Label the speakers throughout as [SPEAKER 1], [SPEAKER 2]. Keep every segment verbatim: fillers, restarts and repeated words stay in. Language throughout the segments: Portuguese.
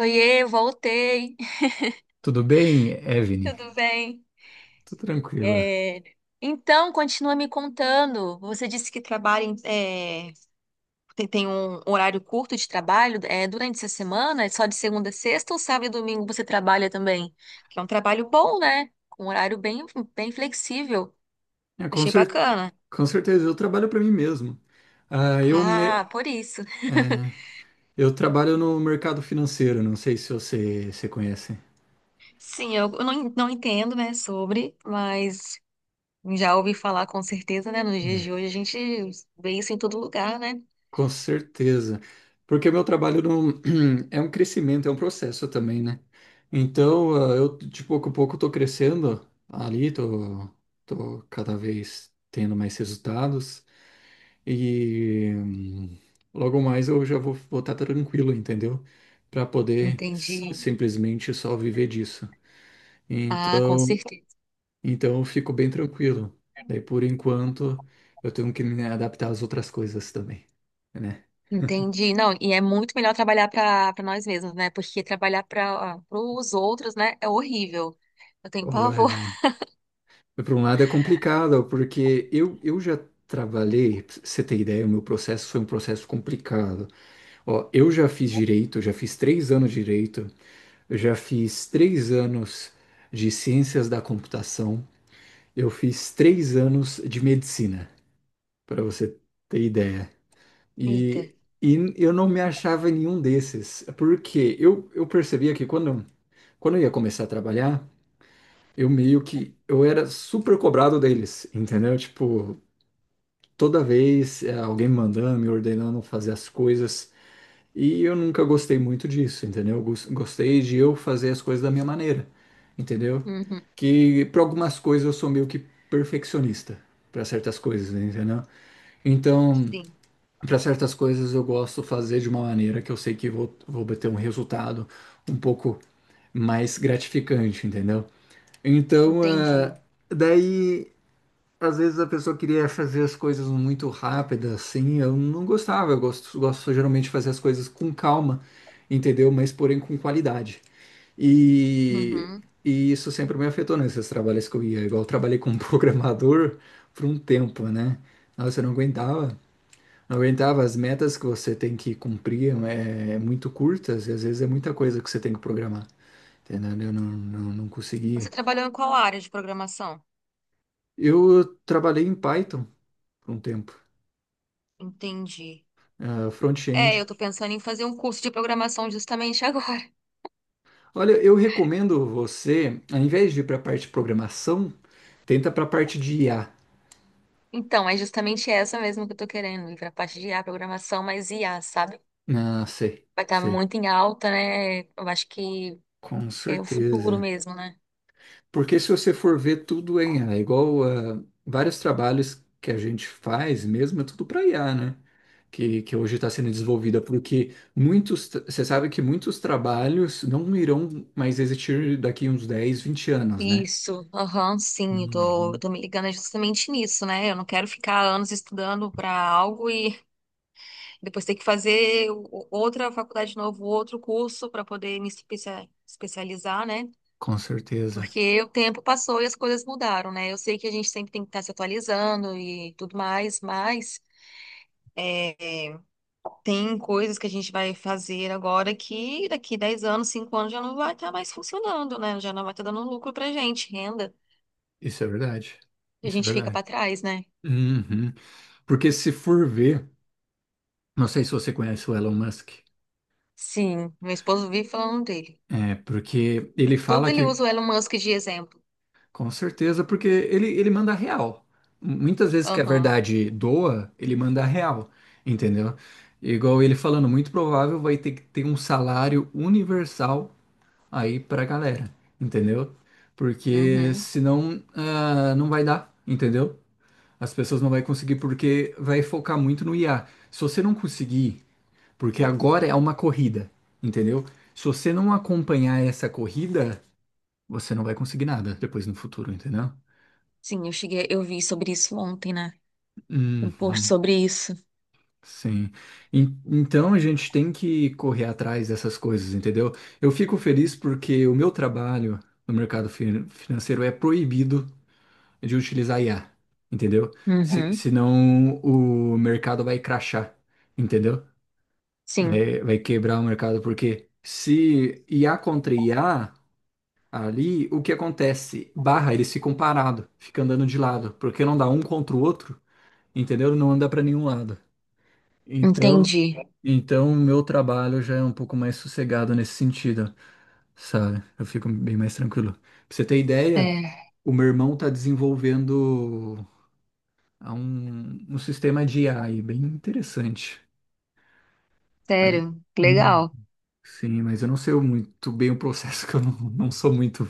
[SPEAKER 1] Oiê, voltei.
[SPEAKER 2] Tudo bem, Evne?
[SPEAKER 1] Tudo bem?
[SPEAKER 2] Tô tranquila.
[SPEAKER 1] É, Então, continua me contando. Você disse que trabalha em- é, tem, tem um horário curto de trabalho é, durante essa semana? É só de segunda a sexta ou sábado e domingo você trabalha também? Que é um trabalho bom, né? Com um horário bem, bem flexível.
[SPEAKER 2] É, com
[SPEAKER 1] Achei
[SPEAKER 2] cer-
[SPEAKER 1] bacana.
[SPEAKER 2] com certeza, eu trabalho para mim mesmo. Ah, eu, me-
[SPEAKER 1] Ah, por isso.
[SPEAKER 2] é, eu trabalho no mercado financeiro, não sei se você, você conhece.
[SPEAKER 1] Sim, eu, eu não, en- não entendo, né, sobre, mas já ouvi falar com certeza, né? Nos dias
[SPEAKER 2] É.
[SPEAKER 1] de hoje a gente vê isso em todo lugar, né?
[SPEAKER 2] Com certeza. Porque o meu trabalho não, é um crescimento, é um processo também, né? Então, ah, eu de pouco a pouco tô crescendo ali, tô, tô cada vez tendo mais resultados. E hum, logo mais eu já vou vou estar tranquilo, entendeu? Para poder s-
[SPEAKER 1] Entendi.
[SPEAKER 2] simplesmente só viver disso.
[SPEAKER 1] Ah, com
[SPEAKER 2] Então,
[SPEAKER 1] certeza.
[SPEAKER 2] então eu fico bem tranquilo. Daí por enquanto eu tenho que me adaptar às outras coisas também, né?
[SPEAKER 1] Entendi. Não, e é muito melhor trabalhar para para nós mesmos, né? Porque trabalhar para os outros, né, é horrível. Eu tenho
[SPEAKER 2] Olha,
[SPEAKER 1] pavor.
[SPEAKER 2] por um lado é complicado, porque eu, eu já trabalhei, pra você ter ideia, o meu processo foi um processo complicado. Ó, eu já fiz direito, já fiz três anos de direito. Eu já fiz três anos de ciências da computação, eu fiz três anos de medicina, para você ter ideia.
[SPEAKER 1] Eita.
[SPEAKER 2] E, e eu não me achava em nenhum desses, porque eu, eu percebia que quando, quando eu ia começar a trabalhar, eu meio que eu era super cobrado deles, entendeu? Tipo, toda vez eh, alguém me mandando, me ordenando fazer as coisas. E eu nunca gostei muito disso, entendeu? Eu gos- Gostei de eu fazer as coisas da minha maneira, entendeu?
[SPEAKER 1] Uhum.
[SPEAKER 2] Que para algumas coisas eu sou meio que perfeccionista, para certas coisas, entendeu? Então,
[SPEAKER 1] Sim,
[SPEAKER 2] para certas coisas eu gosto fazer de uma maneira que eu sei que vou, vou obter um resultado um pouco mais gratificante, entendeu? Então, eh,
[SPEAKER 1] entendi.
[SPEAKER 2] daí às vezes a pessoa queria fazer as coisas muito rápidas, assim, eu não gostava, eu gosto, gosto geralmente de fazer as coisas com calma, entendeu? Mas porém com qualidade. E,
[SPEAKER 1] Uhum.
[SPEAKER 2] e isso sempre me afetou nesses trabalhos que eu ia, igual eu trabalhei como programador por um tempo, né? Nossa, eu não aguentava, não aguentava, as metas que você tem que cumprir é, é muito curtas e às vezes é muita coisa que você tem que programar, entendeu? Eu não, não, não
[SPEAKER 1] Você
[SPEAKER 2] conseguia.
[SPEAKER 1] trabalhou em qual área de programação?
[SPEAKER 2] Eu trabalhei em Python por um tempo,
[SPEAKER 1] Entendi.
[SPEAKER 2] eh,
[SPEAKER 1] É,
[SPEAKER 2] front-end.
[SPEAKER 1] eu tô pensando em fazer um curso de programação justamente agora.
[SPEAKER 2] Olha, eu recomendo você, ao invés de ir para a parte de programação, tenta para a parte de I A.
[SPEAKER 1] Então, é justamente essa mesmo que eu tô querendo, ir pra parte de I A, programação, mas I A, sabe?
[SPEAKER 2] Ah, sei,
[SPEAKER 1] Vai estar
[SPEAKER 2] sei,
[SPEAKER 1] muito em alta, né? Eu acho que
[SPEAKER 2] com
[SPEAKER 1] é o futuro
[SPEAKER 2] certeza.
[SPEAKER 1] mesmo, né?
[SPEAKER 2] Porque se você for ver tudo em I A, igual ah, vários trabalhos que a gente faz mesmo, é tudo para I A, né? Que, que hoje está sendo desenvolvida, porque muitos, tra- você sabe que muitos trabalhos não irão mais existir daqui uns dez, vinte anos, né?
[SPEAKER 1] Isso, aham, sim, eu tô, eu
[SPEAKER 2] Uhum,
[SPEAKER 1] tô me ligando justamente nisso, né? Eu não quero ficar anos estudando para algo e depois ter que fazer o- outra faculdade de novo, outro curso para poder me especia- especializar, né?
[SPEAKER 2] com certeza.
[SPEAKER 1] Porque o tempo passou e as coisas mudaram, né? Eu sei que a gente sempre tem que estar se atualizando e tudo mais, mas é, é, tem coisas que a gente vai fazer agora que daqui dez anos, cinco anos já não vai estar mais funcionando, né? Já não vai estar dando lucro pra gente, renda.
[SPEAKER 2] Isso é verdade.
[SPEAKER 1] A
[SPEAKER 2] Isso é
[SPEAKER 1] gente fica
[SPEAKER 2] verdade.
[SPEAKER 1] para trás, né?
[SPEAKER 2] Uhum. Porque se for ver, não sei se você conhece o Elon Musk,
[SPEAKER 1] Sim, meu esposo vive falando dele.
[SPEAKER 2] é porque ele
[SPEAKER 1] Tudo
[SPEAKER 2] fala
[SPEAKER 1] ele
[SPEAKER 2] que,
[SPEAKER 1] usa o Elon Musk de exemplo.
[SPEAKER 2] com certeza, porque ele, ele manda real. Muitas vezes que a
[SPEAKER 1] Aham.
[SPEAKER 2] verdade doa, ele manda real, entendeu? Igual ele falando, muito provável vai ter que ter um salário universal aí pra galera, entendeu? Porque
[SPEAKER 1] Uhum.
[SPEAKER 2] senão ah, não vai dar, entendeu? As pessoas não vão conseguir porque vai focar muito no I A. Se você não conseguir Porque agora é uma corrida, entendeu? Se você não acompanhar essa corrida, você não vai conseguir nada depois no futuro, entendeu?
[SPEAKER 1] Sim, eu cheguei, eu vi sobre isso ontem, né? Um post
[SPEAKER 2] Uhum,
[SPEAKER 1] sobre isso.
[SPEAKER 2] sim. En- Então a gente tem que correr atrás dessas coisas, entendeu? Eu fico feliz porque o meu trabalho no mercado fin- financeiro é proibido de utilizar I A, entendeu? Se,
[SPEAKER 1] Uhum.
[SPEAKER 2] senão o mercado vai crashar, entendeu?
[SPEAKER 1] Sim,
[SPEAKER 2] Vai, vai quebrar o mercado, porque se I A contra I A. Ali, o que acontece? Barra, eles ficam parados, ficam andando de lado, porque não dá um contra o outro, entendeu? Não anda para nenhum lado. Então,
[SPEAKER 1] entendi.
[SPEAKER 2] então o meu trabalho já é um pouco mais sossegado nesse sentido, sabe? Eu fico bem mais tranquilo. Pra você ter ideia,
[SPEAKER 1] É,
[SPEAKER 2] o meu irmão tá desenvolvendo ah, um, um sistema de A I bem interessante. Aí-
[SPEAKER 1] sério,
[SPEAKER 2] Hum,
[SPEAKER 1] legal.
[SPEAKER 2] sim, mas eu não sei muito bem o processo, que eu não, não sou muito,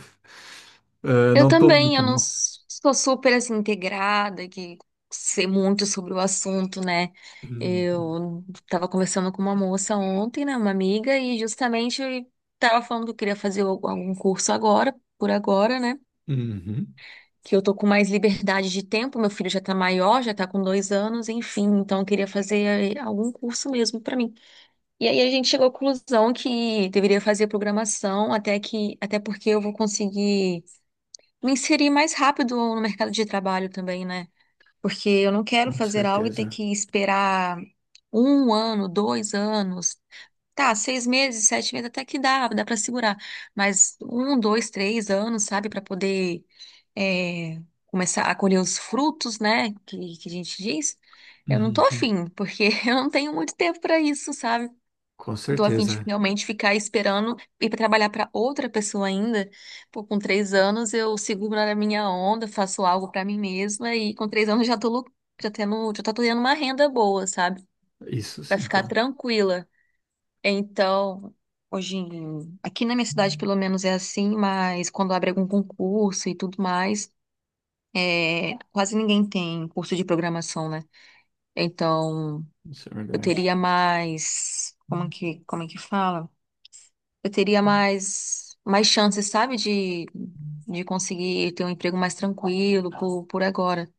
[SPEAKER 2] ah,
[SPEAKER 1] Eu
[SPEAKER 2] não tô
[SPEAKER 1] também,
[SPEAKER 2] muito
[SPEAKER 1] eu não
[SPEAKER 2] nisso.
[SPEAKER 1] s- sou super assim integrada, que sei muito sobre o assunto, né?
[SPEAKER 2] Hum.
[SPEAKER 1] Eu tava conversando com uma moça ontem, né, uma amiga, e justamente eu tava falando que eu queria fazer al- algum curso agora, por agora, né?
[SPEAKER 2] Uhum.
[SPEAKER 1] Que eu tô com mais liberdade de tempo, meu filho já tá maior, já tá com dois anos, enfim, então eu queria fazer eh, algum curso mesmo pra mim. E aí a gente chegou à conclusão que deveria fazer programação, até que, até porque eu vou conseguir me inserir mais rápido no mercado de trabalho também, né? Porque eu não quero
[SPEAKER 2] Com
[SPEAKER 1] fazer algo e ter
[SPEAKER 2] certeza.
[SPEAKER 1] que esperar um ano, dois anos. Tá, seis meses, sete meses, até que dá, dá para segurar. Mas um, dois, três anos, sabe, para poder é, começar a colher os frutos, né, que, que a gente diz. Eu não tô
[SPEAKER 2] Uhum.
[SPEAKER 1] afim, porque eu não tenho muito tempo para isso, sabe?
[SPEAKER 2] Com
[SPEAKER 1] Tô afim de
[SPEAKER 2] certeza.
[SPEAKER 1] realmente ficar esperando ir pra trabalhar para outra pessoa ainda. Pô, com três anos eu seguro a minha onda, faço algo para mim mesma e com três anos já tô, lu- já tendo, já tô tendo uma renda boa, sabe?
[SPEAKER 2] Isso
[SPEAKER 1] Pra
[SPEAKER 2] sim, pô.
[SPEAKER 1] ficar tranquila. Então, hoje em- aqui na minha cidade pelo menos é assim, mas quando abre algum concurso e tudo mais, é, quase ninguém tem curso de programação, né? Então,
[SPEAKER 2] Isso é
[SPEAKER 1] eu
[SPEAKER 2] verdade.
[SPEAKER 1] teria mais, como que, como é que fala? Eu teria mais, mais chances, sabe, de, de conseguir ter um emprego mais tranquilo por, por agora.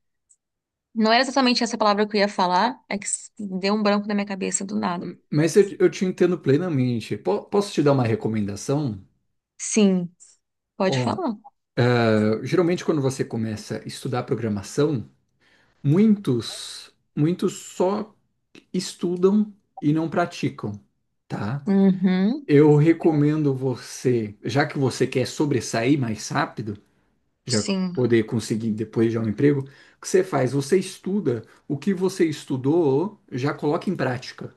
[SPEAKER 1] Não era exatamente essa palavra que eu ia falar, é que s- deu um branco na minha cabeça do nada.
[SPEAKER 2] Hum, Mas eu, eu te entendo plenamente. Po- posso te dar uma recomendação?
[SPEAKER 1] Sim, pode
[SPEAKER 2] Ó,
[SPEAKER 1] falar.
[SPEAKER 2] eh, geralmente quando você começa a estudar programação, muitos, muitos só estudam e não praticam, tá?
[SPEAKER 1] Uhum,
[SPEAKER 2] Eu recomendo você, já que você quer sobressair mais rápido, já
[SPEAKER 1] sim.
[SPEAKER 2] poder conseguir depois já um emprego, o que você faz? Você estuda o que você estudou, já coloca em prática.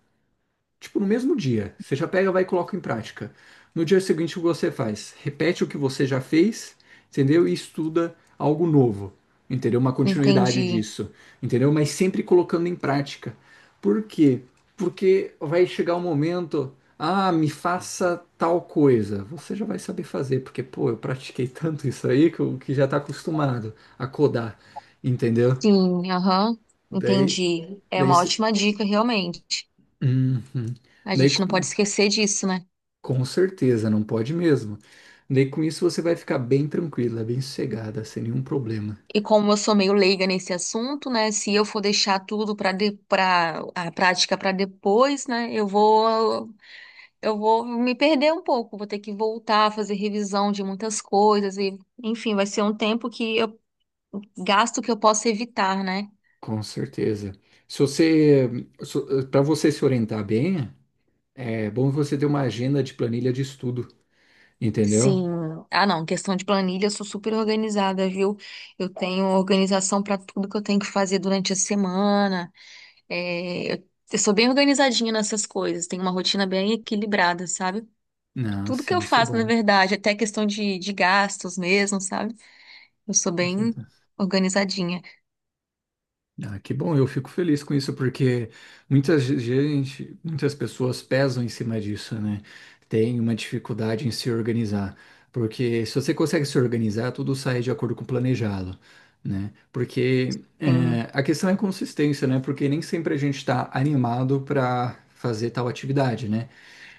[SPEAKER 2] Tipo, no mesmo dia. Você já pega, vai e coloca em prática. No dia seguinte, o que você faz? Repete o que você já fez, entendeu? E estuda algo novo, entendeu? Uma continuidade
[SPEAKER 1] Entendi.
[SPEAKER 2] disso, entendeu? Mas sempre colocando em prática. Por quê? Porque vai chegar um momento, ah, me faça tal coisa. Você já vai saber fazer, porque, pô, eu pratiquei tanto isso aí que, eu, que já tá acostumado a codar, entendeu?
[SPEAKER 1] Sim, aham.
[SPEAKER 2] Daí,
[SPEAKER 1] Entendi. É
[SPEAKER 2] daí,
[SPEAKER 1] uma
[SPEAKER 2] se-
[SPEAKER 1] ótima dica, realmente.
[SPEAKER 2] Uhum.
[SPEAKER 1] A
[SPEAKER 2] Daí,
[SPEAKER 1] gente não pode esquecer disso, né?
[SPEAKER 2] com certeza, não pode mesmo. Daí com isso você vai ficar bem tranquila, bem sossegada, sem nenhum problema.
[SPEAKER 1] E como eu sou meio leiga nesse assunto, né? Se eu for deixar tudo para de, para a prática para depois, né? Eu vou eu vou me perder um pouco, vou ter que voltar a fazer revisão de muitas coisas e, enfim, vai ser um tempo que eu gasto que eu posso evitar, né?
[SPEAKER 2] Com certeza. Se você, para você se orientar bem, é bom você ter uma agenda de planilha de estudo, entendeu?
[SPEAKER 1] Sim. Ah, não. Questão de planilha, eu sou super organizada, viu? Eu tenho organização para tudo que eu tenho que fazer durante a semana. É, eu, eu sou bem organizadinha nessas coisas. Tenho uma rotina bem equilibrada, sabe?
[SPEAKER 2] Não,
[SPEAKER 1] Tudo que
[SPEAKER 2] sim,
[SPEAKER 1] eu
[SPEAKER 2] isso é
[SPEAKER 1] faço, na
[SPEAKER 2] bom.
[SPEAKER 1] verdade, até questão de, de gastos mesmo, sabe? Eu sou
[SPEAKER 2] Com
[SPEAKER 1] bem
[SPEAKER 2] certeza.
[SPEAKER 1] organizadinha.
[SPEAKER 2] Ah, que bom, eu fico feliz com isso, porque muita gente, muitas pessoas pesam em cima disso, né? Tem uma dificuldade em se organizar, porque se você consegue se organizar, tudo sai de acordo com o planejado, né? Porque é,
[SPEAKER 1] Sim.
[SPEAKER 2] a questão é consistência, né? Porque nem sempre a gente está animado para fazer tal atividade, né?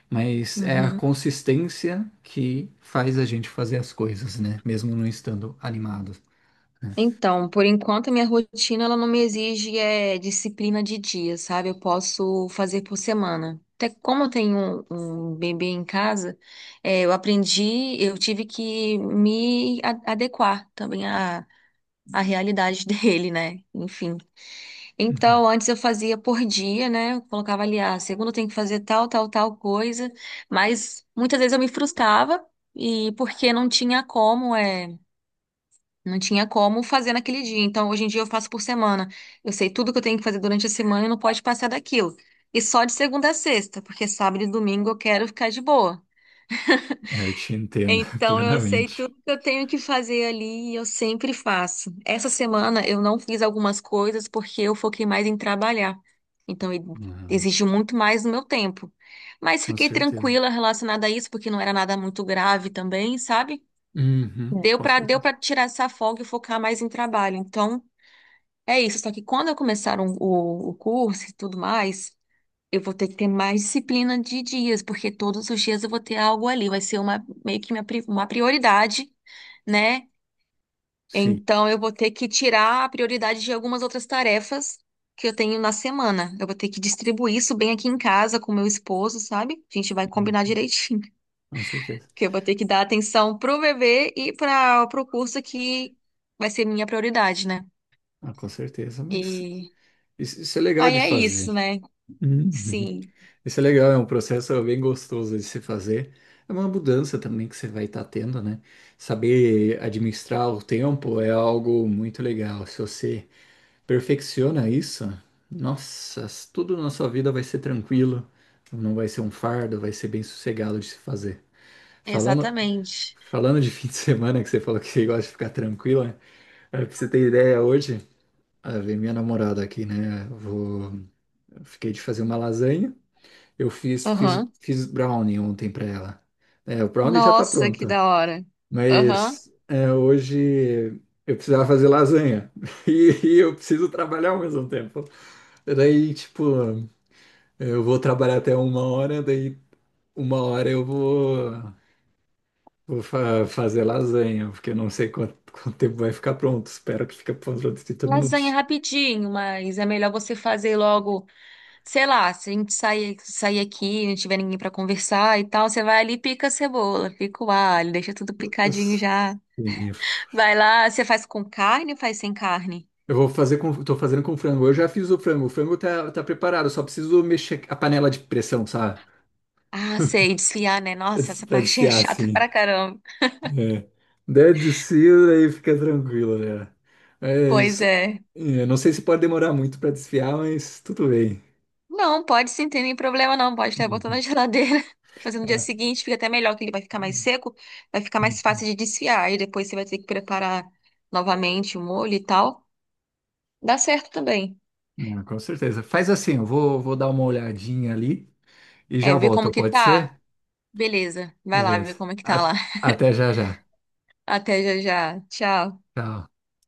[SPEAKER 2] Mas é a
[SPEAKER 1] Uhum.
[SPEAKER 2] consistência que faz a gente fazer as coisas, né? Mesmo não estando animado. Né?
[SPEAKER 1] Então, por enquanto, a minha rotina ela não me exige é, disciplina de dia, sabe? Eu posso fazer por semana. Até como eu tenho um, um bebê em casa, é, eu aprendi, eu tive que me a- adequar também à, à realidade dele, né? Enfim.
[SPEAKER 2] Uhum.
[SPEAKER 1] Então, antes eu fazia por dia, né? Eu colocava ali, ah, segunda eu tenho que fazer tal, tal, tal coisa, mas muitas vezes eu me frustrava. E porque não tinha como, é. Não tinha como fazer naquele dia. Então, hoje em dia eu faço por semana. Eu sei tudo que eu tenho que fazer durante a semana e não pode passar daquilo. E só de segunda a sexta, porque sábado e domingo eu quero ficar de boa.
[SPEAKER 2] É, eu te entendo
[SPEAKER 1] Então, eu sei
[SPEAKER 2] plenamente.
[SPEAKER 1] tudo que eu tenho que fazer ali e eu sempre faço. Essa semana eu não fiz algumas coisas porque eu foquei mais em trabalhar. Então, e-
[SPEAKER 2] Ah,
[SPEAKER 1] exigiu muito mais do meu tempo. Mas
[SPEAKER 2] com
[SPEAKER 1] fiquei
[SPEAKER 2] certeza.
[SPEAKER 1] tranquila relacionada a isso, porque não era nada muito grave também, sabe?
[SPEAKER 2] Uhum,
[SPEAKER 1] Deu
[SPEAKER 2] com
[SPEAKER 1] pra, deu
[SPEAKER 2] certeza.
[SPEAKER 1] para tirar essa folga e focar mais em trabalho. Então, é isso, só que quando eu começar um- o, o curso e tudo mais, eu vou ter que ter mais disciplina de dias, porque todos os dias eu vou ter algo ali, vai ser uma meio que minha pri- uma prioridade, né?
[SPEAKER 2] Sim.
[SPEAKER 1] Então eu vou ter que tirar a prioridade de algumas outras tarefas que eu tenho na semana. Eu vou ter que distribuir isso bem aqui em casa com meu esposo, sabe? A gente vai combinar
[SPEAKER 2] Uhum.
[SPEAKER 1] direitinho,
[SPEAKER 2] Com certeza.
[SPEAKER 1] que eu vou ter que dar atenção pro bebê e para pro curso que vai ser minha prioridade, né?
[SPEAKER 2] Ah, com certeza, mas
[SPEAKER 1] E
[SPEAKER 2] isso, isso é legal
[SPEAKER 1] aí
[SPEAKER 2] de
[SPEAKER 1] é isso,
[SPEAKER 2] fazer.
[SPEAKER 1] né?
[SPEAKER 2] Uhum.
[SPEAKER 1] Sim.
[SPEAKER 2] Isso é legal, é um processo bem gostoso de se fazer. É uma mudança também que você vai estar tendo, né? Saber administrar o tempo é algo muito legal. Se você perfecciona isso, nossa, tudo na sua vida vai ser tranquilo, não vai ser um fardo, vai ser bem sossegado de se fazer. Falando,
[SPEAKER 1] Exatamente.
[SPEAKER 2] Falando de fim de semana, que você falou que gosta de ficar tranquila, é pra você ter ideia, hoje, ah, vem minha namorada aqui, né? Eu Vou, eu fiquei de fazer uma lasanha. Eu fiz, fiz,
[SPEAKER 1] Aham.
[SPEAKER 2] fiz brownie ontem pra ela. É, o brownie já tá
[SPEAKER 1] Nossa, que
[SPEAKER 2] pronto,
[SPEAKER 1] da hora. Aham.
[SPEAKER 2] mas eh, hoje eu precisava fazer lasanha e, e eu preciso trabalhar ao mesmo tempo. Daí, tipo, eu vou trabalhar até uma hora, daí uma hora eu vou. Vou fa- fazer lasanha, porque eu não sei quanto, quanto tempo vai ficar pronto. Espero que fique pronto de trinta
[SPEAKER 1] Lasanha
[SPEAKER 2] minutos.
[SPEAKER 1] rapidinho, mas é melhor você fazer logo, sei lá, se a gente sair, sair aqui, não tiver ninguém pra conversar e tal, você vai ali, e pica a cebola, pica o alho, deixa tudo picadinho já.
[SPEAKER 2] Sim.
[SPEAKER 1] Vai lá, você faz com carne ou faz sem carne?
[SPEAKER 2] Eu vou fazer com, Tô fazendo com frango. Eu já fiz o frango. O frango tá, tá preparado, eu só preciso mexer a panela de pressão, sabe?
[SPEAKER 1] Ah, sei, desfiar, né?
[SPEAKER 2] Pra
[SPEAKER 1] Nossa,
[SPEAKER 2] des-
[SPEAKER 1] essa
[SPEAKER 2] pra
[SPEAKER 1] parte é
[SPEAKER 2] desfiar,
[SPEAKER 1] chata pra
[SPEAKER 2] assim.
[SPEAKER 1] caramba.
[SPEAKER 2] É. Daí desfio, aí fica tranquilo, né?
[SPEAKER 1] Pois
[SPEAKER 2] Mas,
[SPEAKER 1] é.
[SPEAKER 2] é, não sei se pode demorar muito pra desfiar, mas tudo bem.
[SPEAKER 1] Não, pode sim, tem nenhum problema não. Pode até botar na
[SPEAKER 2] Uhum.
[SPEAKER 1] geladeira. Fazer no dia
[SPEAKER 2] É.
[SPEAKER 1] seguinte, fica até melhor, que ele vai ficar mais
[SPEAKER 2] Uhum.
[SPEAKER 1] seco, vai ficar mais fácil de desfiar. E depois você vai ter que preparar novamente o molho e tal. Dá certo também.
[SPEAKER 2] Não, com certeza. Faz assim, eu vou, vou dar uma olhadinha ali, e
[SPEAKER 1] É,
[SPEAKER 2] já
[SPEAKER 1] ver como
[SPEAKER 2] volto,
[SPEAKER 1] que
[SPEAKER 2] pode
[SPEAKER 1] tá.
[SPEAKER 2] ser?
[SPEAKER 1] Beleza, vai lá ver
[SPEAKER 2] Beleza.
[SPEAKER 1] como é que tá
[SPEAKER 2] A-
[SPEAKER 1] lá.
[SPEAKER 2] Até já já.
[SPEAKER 1] Até já já. Tchau.
[SPEAKER 2] Tchau.